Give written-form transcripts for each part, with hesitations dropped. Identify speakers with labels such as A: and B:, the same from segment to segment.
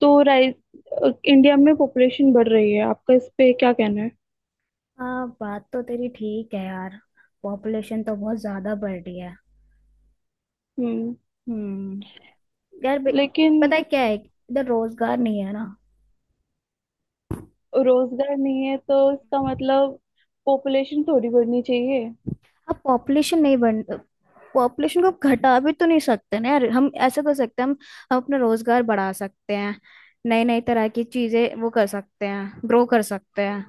A: तो rice India में population बढ़ रही है, आपका इस पे क्या कहना है?
B: हाँ, बात तो तेरी ठीक है यार। पॉपुलेशन तो बहुत ज्यादा बढ़ रही है।
A: हम्म।
B: हम्म। यार बे-
A: लेकिन
B: पता है क्या है, इधर रोजगार नहीं है ना।
A: रोजगार नहीं है तो इसका मतलब पॉपुलेशन थोड़ी बढ़नी चाहिए।
B: अब पॉपुलेशन नहीं बढ़, पॉपुलेशन को अब घटा भी तो नहीं सकते ना यार। हम ऐसा कर सकते हैं, हम अपना रोजगार बढ़ा सकते हैं। नई नई तरह की चीजें वो कर सकते हैं, ग्रो कर सकते हैं,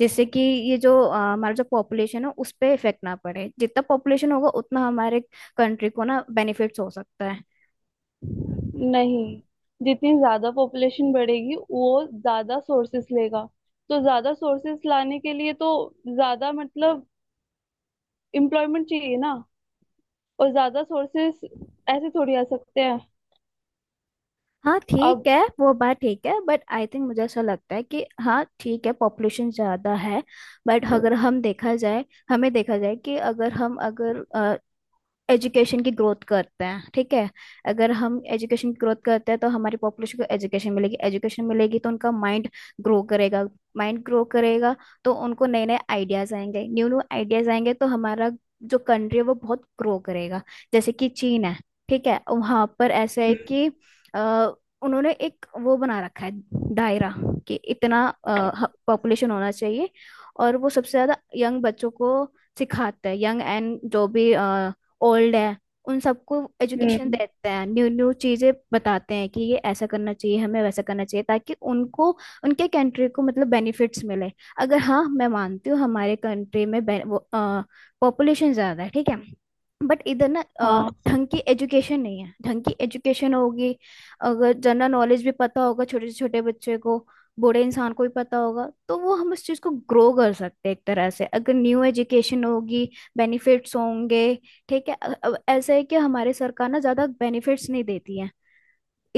B: जिससे कि ये जो हमारा जो पॉपुलेशन है उस पर इफेक्ट ना पड़े। जितना पॉपुलेशन होगा उतना हमारे कंट्री को ना बेनिफिट्स हो सकता है।
A: नहीं, जितनी ज्यादा पॉपुलेशन बढ़ेगी वो ज्यादा सोर्सेस लेगा। तो ज्यादा सोर्सेस लाने के लिए तो ज्यादा मतलब एम्प्लॉयमेंट चाहिए ना। और ज्यादा सोर्सेस ऐसे थोड़ी आ सकते हैं।
B: हाँ ठीक
A: अब।
B: है, वो बात ठीक है, बट आई थिंक, मुझे ऐसा लगता है कि हाँ ठीक है, पॉपुलेशन ज़्यादा है। बट अगर हम देखा जाए, हमें देखा जाए कि अगर हम अगर एजुकेशन की ग्रोथ करते हैं, ठीक है, अगर हम एजुकेशन की ग्रोथ करते हैं तो हमारी पॉपुलेशन को एजुकेशन मिलेगी। एजुकेशन मिलेगी तो उनका माइंड ग्रो करेगा। माइंड ग्रो करेगा तो उनको नए नए आइडियाज आएंगे। न्यू न्यू आइडियाज आएंगे तो हमारा जो कंट्री है वो बहुत ग्रो करेगा। जैसे कि चीन है, ठीक है, वहां पर ऐसा है
A: हम्म
B: कि अ, उन्होंने एक वो बना रखा है, दायरा, कि इतना पॉपुलेशन होना चाहिए। और वो सबसे ज्यादा यंग बच्चों को सिखाते हैं, यंग एंड जो भी ओल्ड है, उन सबको एजुकेशन
A: हम्म,
B: देते हैं। न्यू न्यू चीजें बताते हैं कि ये ऐसा करना चाहिए, हमें वैसा करना चाहिए, ताकि उनको, उनके कंट्री को मतलब बेनिफिट्स मिले। अगर हाँ, मैं मानती हूँ हमारे कंट्री में पॉपुलेशन ज्यादा है, ठीक है, बट इधर ना
A: हाँ।
B: ढंग की एजुकेशन नहीं है। ढंग की एजुकेशन होगी, अगर जनरल नॉलेज भी पता होगा छोटे से छोटे बच्चे को, बूढ़े इंसान को भी पता होगा, तो वो हम उस चीज़ को ग्रो कर सकते हैं एक तरह से। अगर न्यू एजुकेशन होगी, बेनिफिट्स होंगे। ठीक है, अब ऐसा है कि हमारे सरकार ना ज्यादा बेनिफिट्स नहीं देती है,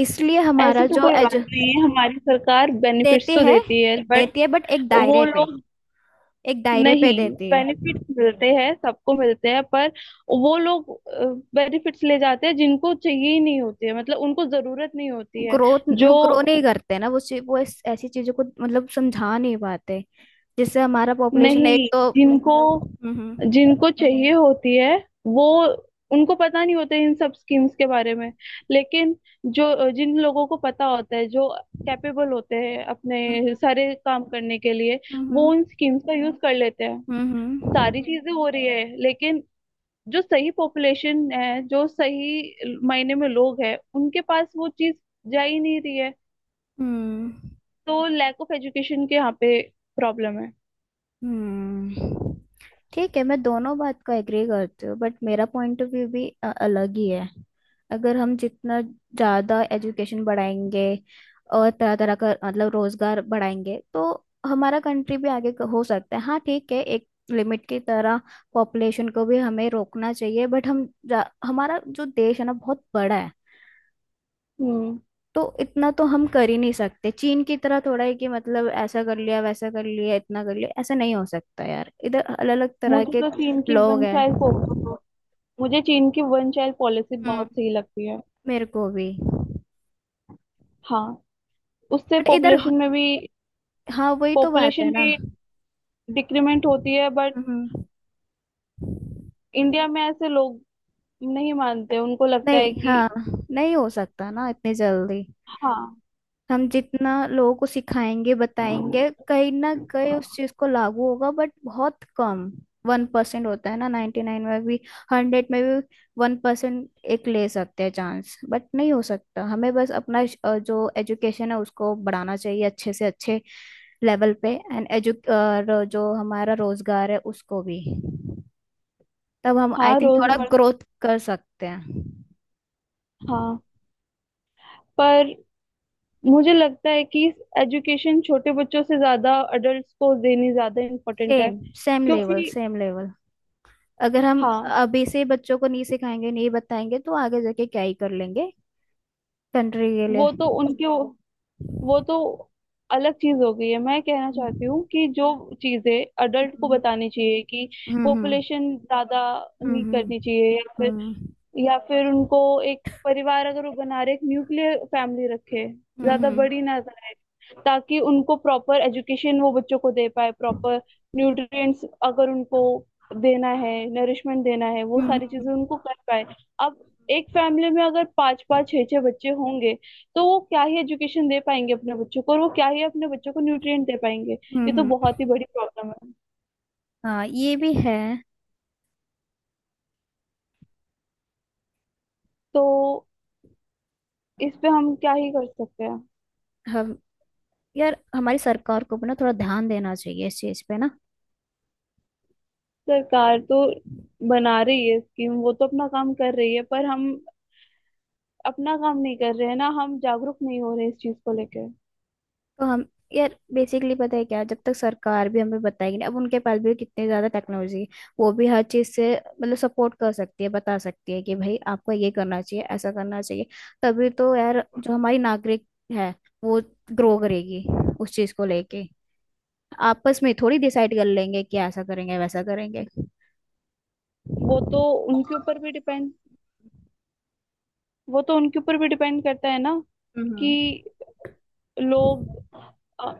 B: इसलिए
A: ऐसी
B: हमारा
A: तो
B: जो
A: कोई बात
B: एज,
A: नहीं है, हमारी सरकार बेनिफिट्स
B: देती
A: तो
B: है,
A: देती है बट
B: देती है बट एक
A: वो
B: दायरे पे,
A: लोग।
B: एक दायरे पे
A: नहीं,
B: देती है।
A: बेनिफिट्स मिलते हैं, सबको मिलते हैं, पर वो लोग बेनिफिट्स ले जाते हैं जिनको चाहिए ही नहीं होती है, मतलब उनको जरूरत नहीं होती है।
B: ग्रोथ,
A: जो
B: वो ग्रो नहीं करते ना। वो ऐसी चीजों को मतलब समझा नहीं पाते, जिससे हमारा पॉपुलेशन एक
A: नहीं,
B: तो
A: जिनको
B: हम्म।
A: जिनको चाहिए होती है वो, उनको पता नहीं होता है इन सब स्कीम्स के बारे में। लेकिन जो जिन लोगों को पता होता है, जो कैपेबल होते हैं
B: हम्म,
A: अपने सारे काम करने के लिए,
B: हम्म,
A: वो
B: हम्म,
A: उन स्कीम्स का यूज कर लेते हैं।
B: हम्म, हम्म,
A: सारी चीजें हो रही है, लेकिन जो सही पॉपुलेशन है, जो सही मायने में लोग हैं, उनके पास वो चीज जा ही नहीं रही है।
B: हम्म।
A: तो लैक ऑफ एजुकेशन के, यहाँ पे प्रॉब्लम है।
B: हम्म, ठीक है, मैं दोनों बात को एग्री करती हूँ, बट मेरा पॉइंट ऑफ व्यू भी अलग ही है। अगर हम जितना ज़्यादा एजुकेशन बढ़ाएंगे और तरह तरह का मतलब रोजगार बढ़ाएंगे, तो हमारा कंट्री भी आगे हो सकता है। हाँ ठीक है, एक लिमिट की तरह पॉपुलेशन को भी हमें रोकना चाहिए, बट हम हमारा जो देश है ना बहुत बड़ा है,
A: हम्म।
B: तो इतना तो हम कर ही नहीं सकते। चीन की तरह थोड़ा है कि मतलब ऐसा कर लिया, वैसा कर लिया, इतना कर लिया, ऐसा नहीं हो सकता यार। इधर अलग अलग तरह
A: मुझे
B: के
A: तो चीन की
B: लोग
A: वन चाइल्ड,
B: हैं।
A: मुझे चीन की वन चाइल्ड पॉलिसी बहुत
B: हम्म।
A: सही लगती है।
B: मेरे को भी।
A: हाँ। उससे
B: बट इधर,
A: पॉपुलेशन में भी,
B: हाँ वही तो बात है
A: पॉपुलेशन
B: ना।
A: भी डिक्रीमेंट होती है, बट
B: हम्म।
A: इंडिया में ऐसे लोग नहीं मानते, उनको लगता है
B: नहीं,
A: कि।
B: हाँ, नहीं हो सकता ना इतनी जल्दी।
A: हाँ।
B: हम जितना लोगों को सिखाएंगे बताएंगे, कहीं ना कहीं उस चीज को लागू होगा, बट बहुत कम। 1% होता है ना, 99 में भी, 100 में भी 1%। एक ले सकते हैं चांस, बट नहीं हो सकता। हमें बस अपना जो एजुकेशन है उसको बढ़ाना चाहिए अच्छे से अच्छे लेवल पे, एंड एजु, और जो हमारा रोजगार है उसको भी, तब हम आई
A: हाँ
B: थिंक थोड़ा
A: रोजगार।
B: ग्रोथ कर सकते हैं।
A: हाँ, पर मुझे लगता है कि एजुकेशन छोटे बच्चों से ज्यादा अडल्ट्स को देनी ज्यादा इम्पोर्टेंट है।
B: सेम, सेम लेवल,
A: क्योंकि,
B: सेम लेवल। अगर हम
A: हाँ।
B: अभी से बच्चों को नहीं सिखाएंगे, नहीं बताएंगे, तो आगे जाके क्या ही कर लेंगे कंट्री के लिए।
A: वो तो उनके, वो तो अलग चीज हो गई है। मैं कहना चाहती
B: हम्म,
A: हूँ कि जो चीजें अडल्ट को बतानी चाहिए कि
B: हम्म,
A: पॉपुलेशन ज्यादा नहीं
B: हम्म,
A: करनी चाहिए, या फिर
B: हम्म,
A: या फिर उनको, एक परिवार अगर वो बना रहे एक न्यूक्लियर फैमिली रखे, ज्यादा
B: हम्म,
A: बड़ी ना, ताकि उनको प्रॉपर एजुकेशन वो बच्चों को दे पाए, प्रॉपर न्यूट्रिएंट्स अगर उनको देना है, नरिशमेंट देना है, वो
B: हम्म।
A: सारी चीजें उनको कर पाए। अब, एक फैमिली में अगर पांच पांच छह छह बच्चे होंगे, तो वो क्या ही एजुकेशन दे पाएंगे अपने बच्चों को, और वो क्या ही अपने बच्चों को न्यूट्रिएंट दे पाएंगे। ये तो
B: हम्म,
A: बहुत ही बड़ी प्रॉब्लम है।
B: हाँ ये भी है।
A: तो इस पे हम क्या ही कर सकते हैं।
B: हम, यार हमारी सरकार को भी ना थोड़ा ध्यान देना चाहिए इस चीज पे ना।
A: सरकार तो बना रही है स्कीम, वो तो अपना काम कर रही है, पर हम अपना काम नहीं कर रहे हैं ना, हम जागरूक नहीं हो रहे इस चीज को लेके।
B: तो हम, यार बेसिकली पता है क्या, जब तक सरकार भी हमें बताएगी ना। अब उनके पास भी कितनी ज्यादा टेक्नोलॉजी है, वो भी हर चीज से मतलब सपोर्ट कर सकती है, बता सकती है कि भाई आपको ये करना चाहिए, ऐसा करना चाहिए, तभी तो यार जो हमारी नागरिक है वो ग्रो करेगी उस चीज को लेके। आपस में थोड़ी डिसाइड कर लेंगे कि ऐसा करेंगे, वैसा करेंगे।
A: वो तो उनके ऊपर भी डिपेंड, वो तो उनके ऊपर भी डिपेंड करता है ना, कि
B: हम्म,
A: लोग अ,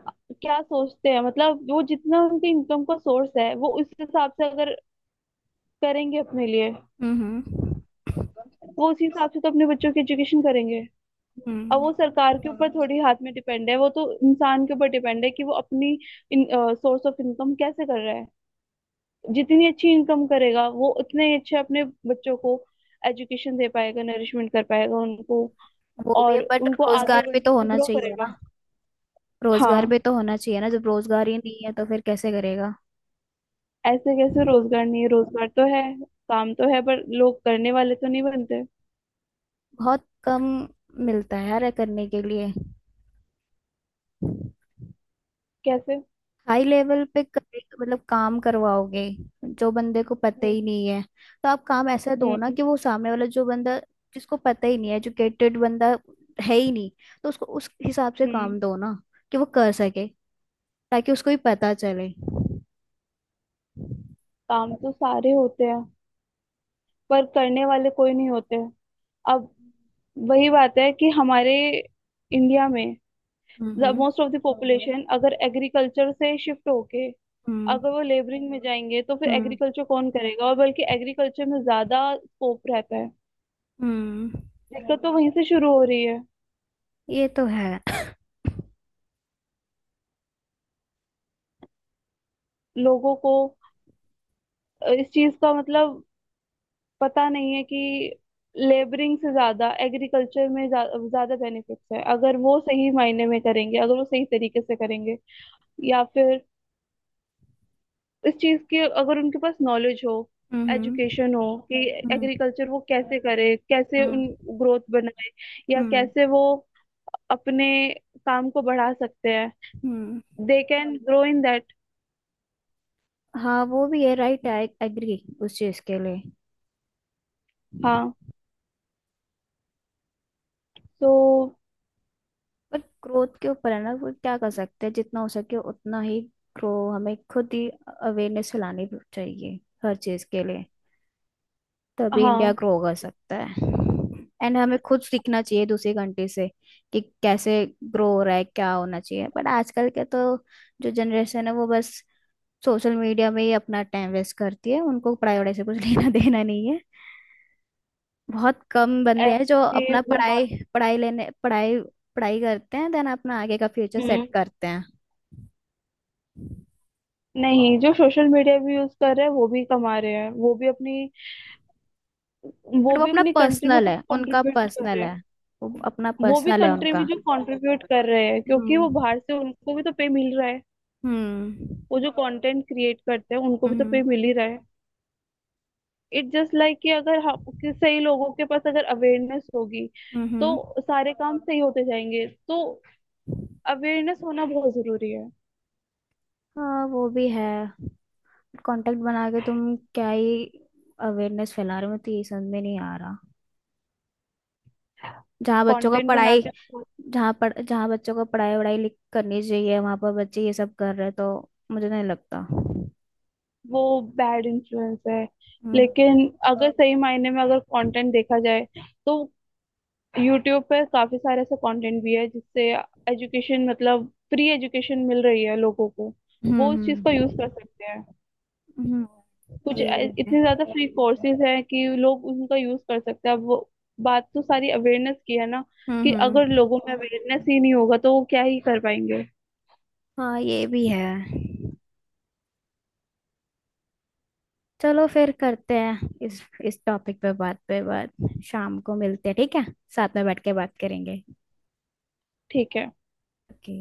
A: क्या सोचते हैं, मतलब वो जितना उनके इनकम का सोर्स है, वो उस हिसाब से अगर करेंगे अपने लिए,
B: हम्म,
A: वो उसी हिसाब से तो अपने बच्चों की एजुकेशन करेंगे। अब
B: हम्म।
A: वो सरकार के ऊपर थोड़ी हाथ में डिपेंड है, वो तो इंसान के ऊपर डिपेंड है कि वो अपनी सोर्स ऑफ इनकम कैसे कर रहा है। जितनी अच्छी इनकम करेगा, वो उतने ही अच्छे अपने बच्चों को एजुकेशन दे पाएगा, नरिशमेंट कर पाएगा उनको,
B: वो भी है,
A: और
B: बट
A: उनको आगे
B: रोजगार भी तो
A: बढ़।
B: होना चाहिए ना। रोजगार
A: हाँ।
B: भी तो होना चाहिए ना, जब रोजगार ही नहीं है तो फिर कैसे करेगा।
A: ऐसे कैसे रोजगार नहीं है? रोजगार तो है, काम तो है, पर लोग करने वाले तो नहीं बनते।
B: बहुत कम मिलता है यार करने के लिए।
A: कैसे?
B: हाई लेवल पे मतलब काम करवाओगे जो बंदे को पता
A: हम्म
B: ही नहीं है। तो आप काम ऐसा दो ना
A: हम्म
B: कि वो सामने वाला जो बंदा, जिसको पता ही नहीं है, एजुकेटेड बंदा है ही नहीं, तो उसको उस हिसाब से
A: हम्म
B: काम दो ना कि वो कर सके, ताकि उसको भी पता चले।
A: काम तो सारे होते हैं, पर करने वाले कोई नहीं होते। अब वही बात है कि हमारे इंडिया में
B: हम्म,
A: मोस्ट ऑफ द पॉपुलेशन अगर एग्रीकल्चर से शिफ्ट होके,
B: हम्म,
A: अगर वो लेबरिंग में जाएंगे, तो फिर
B: हम्म,
A: एग्रीकल्चर कौन करेगा, और बल्कि एग्रीकल्चर में ज्यादा स्कोप रहता है।
B: हम्म।
A: दिक्कत तो वहीं से शुरू हो रही है।
B: ये तो है।
A: लोगों को इस चीज का मतलब पता नहीं है कि लेबरिंग से ज्यादा एग्रीकल्चर में ज्यादा बेनिफिट्स है, अगर वो सही मायने में करेंगे, अगर वो सही तरीके से करेंगे, या फिर इस चीज की अगर उनके पास नॉलेज हो,
B: हम्म,
A: एजुकेशन हो, कि
B: हम्म,
A: एग्रीकल्चर वो कैसे करे, कैसे
B: हम्म,
A: उन ग्रोथ बनाए, या
B: हम्म,
A: कैसे वो अपने काम को बढ़ा सकते हैं।
B: हम्म।
A: They can grow in that.
B: हाँ वो भी है, राइट, आई एग्री उस चीज के लिए।
A: हाँ, सो।
B: पर ग्रोथ के ऊपर है ना, वो क्या कर सकते हैं, जितना हो सके उतना ही ग्रो। हमें खुद ही अवेयरनेस फैलानी चाहिए हर चीज के लिए, तभी इंडिया
A: हाँ,
B: ग्रो कर सकता है। एंड हमें खुद सीखना चाहिए दूसरी कंट्री से कि कैसे ग्रो हो रहा है, क्या होना चाहिए। बट आजकल के तो जो जनरेशन है वो बस सोशल मीडिया में ही अपना टाइम वेस्ट करती है। उनको पढ़ाई वढ़ाई से कुछ लेना देना नहीं है। बहुत कम बंदे हैं जो
A: ऐसे
B: अपना
A: बहुत।
B: पढ़ाई पढ़ाई लेने पढ़ाई पढ़ाई करते हैं, देन अपना आगे का फ्यूचर सेट
A: हम्म।
B: करते हैं।
A: नहीं, जो सोशल मीडिया भी यूज कर रहे हैं, वो भी कमा रहे हैं, वो भी अपनी वो
B: बट वो
A: भी
B: अपना
A: अपनी कंट्री में
B: पर्सनल है,
A: कुछ
B: उनका
A: कंट्रीब्यूट कर
B: पर्सनल
A: रहे
B: है।
A: हैं।
B: वो अपना
A: वो भी
B: पर्सनल है,
A: कंट्री में
B: उनका,
A: जो कंट्रीब्यूट कर रहे हैं, क्योंकि वो
B: हम्म,
A: बाहर से उनको भी तो पे मिल रहा है।
B: हम्म,
A: वो जो कंटेंट क्रिएट करते हैं, उनको भी तो
B: हम्म,
A: पे मिल ही रहा है। इट जस्ट लाइक कि, अगर हम कि सही लोगों के पास अगर अवेयरनेस होगी,
B: हम्म।
A: तो सारे काम सही होते जाएंगे। तो अवेयरनेस होना बहुत जरूरी है।
B: हाँ वो भी है। कांटेक्ट बना के तुम क्या ही अवेयरनेस फैला रहे हो, मैं तो यही समझ में नहीं आ रहा। जहाँ बच्चों का
A: कंटेंट बना
B: पढ़ाई,
A: के।
B: जहाँ पढ़, जहाँ बच्चों का पढ़ाई वढ़ाई लिख करनी चाहिए, वहाँ पर बच्चे ये सब कर रहे हैं, तो मुझे नहीं लगता।
A: वो बैड इन्फ्लुएंस है, लेकिन
B: हम्म,
A: अगर सही मायने में अगर कंटेंट देखा जाए, तो यूट्यूब पे काफी सारे ऐसा कंटेंट भी है जिससे एजुकेशन, मतलब फ्री एजुकेशन मिल रही है लोगों को। वो उस चीज का
B: हम्म,
A: यूज कर सकते हैं।
B: हम्म,
A: कुछ
B: ये भी है।
A: इतने ज्यादा फ्री कोर्सेज हैं कि लोग उनका यूज कर सकते हैं। अब वो, बात तो सारी अवेयरनेस की है ना,
B: हम्म,
A: कि अगर
B: हम्म,
A: लोगों में अवेयरनेस ही नहीं होगा तो वो क्या ही कर पाएंगे।
B: हाँ ये भी है। चलो फिर करते हैं इस टॉपिक पे बात, पे बात। शाम को मिलते हैं, ठीक है। साथ में बैठ के बात करेंगे।
A: ठीक है।
B: ओके।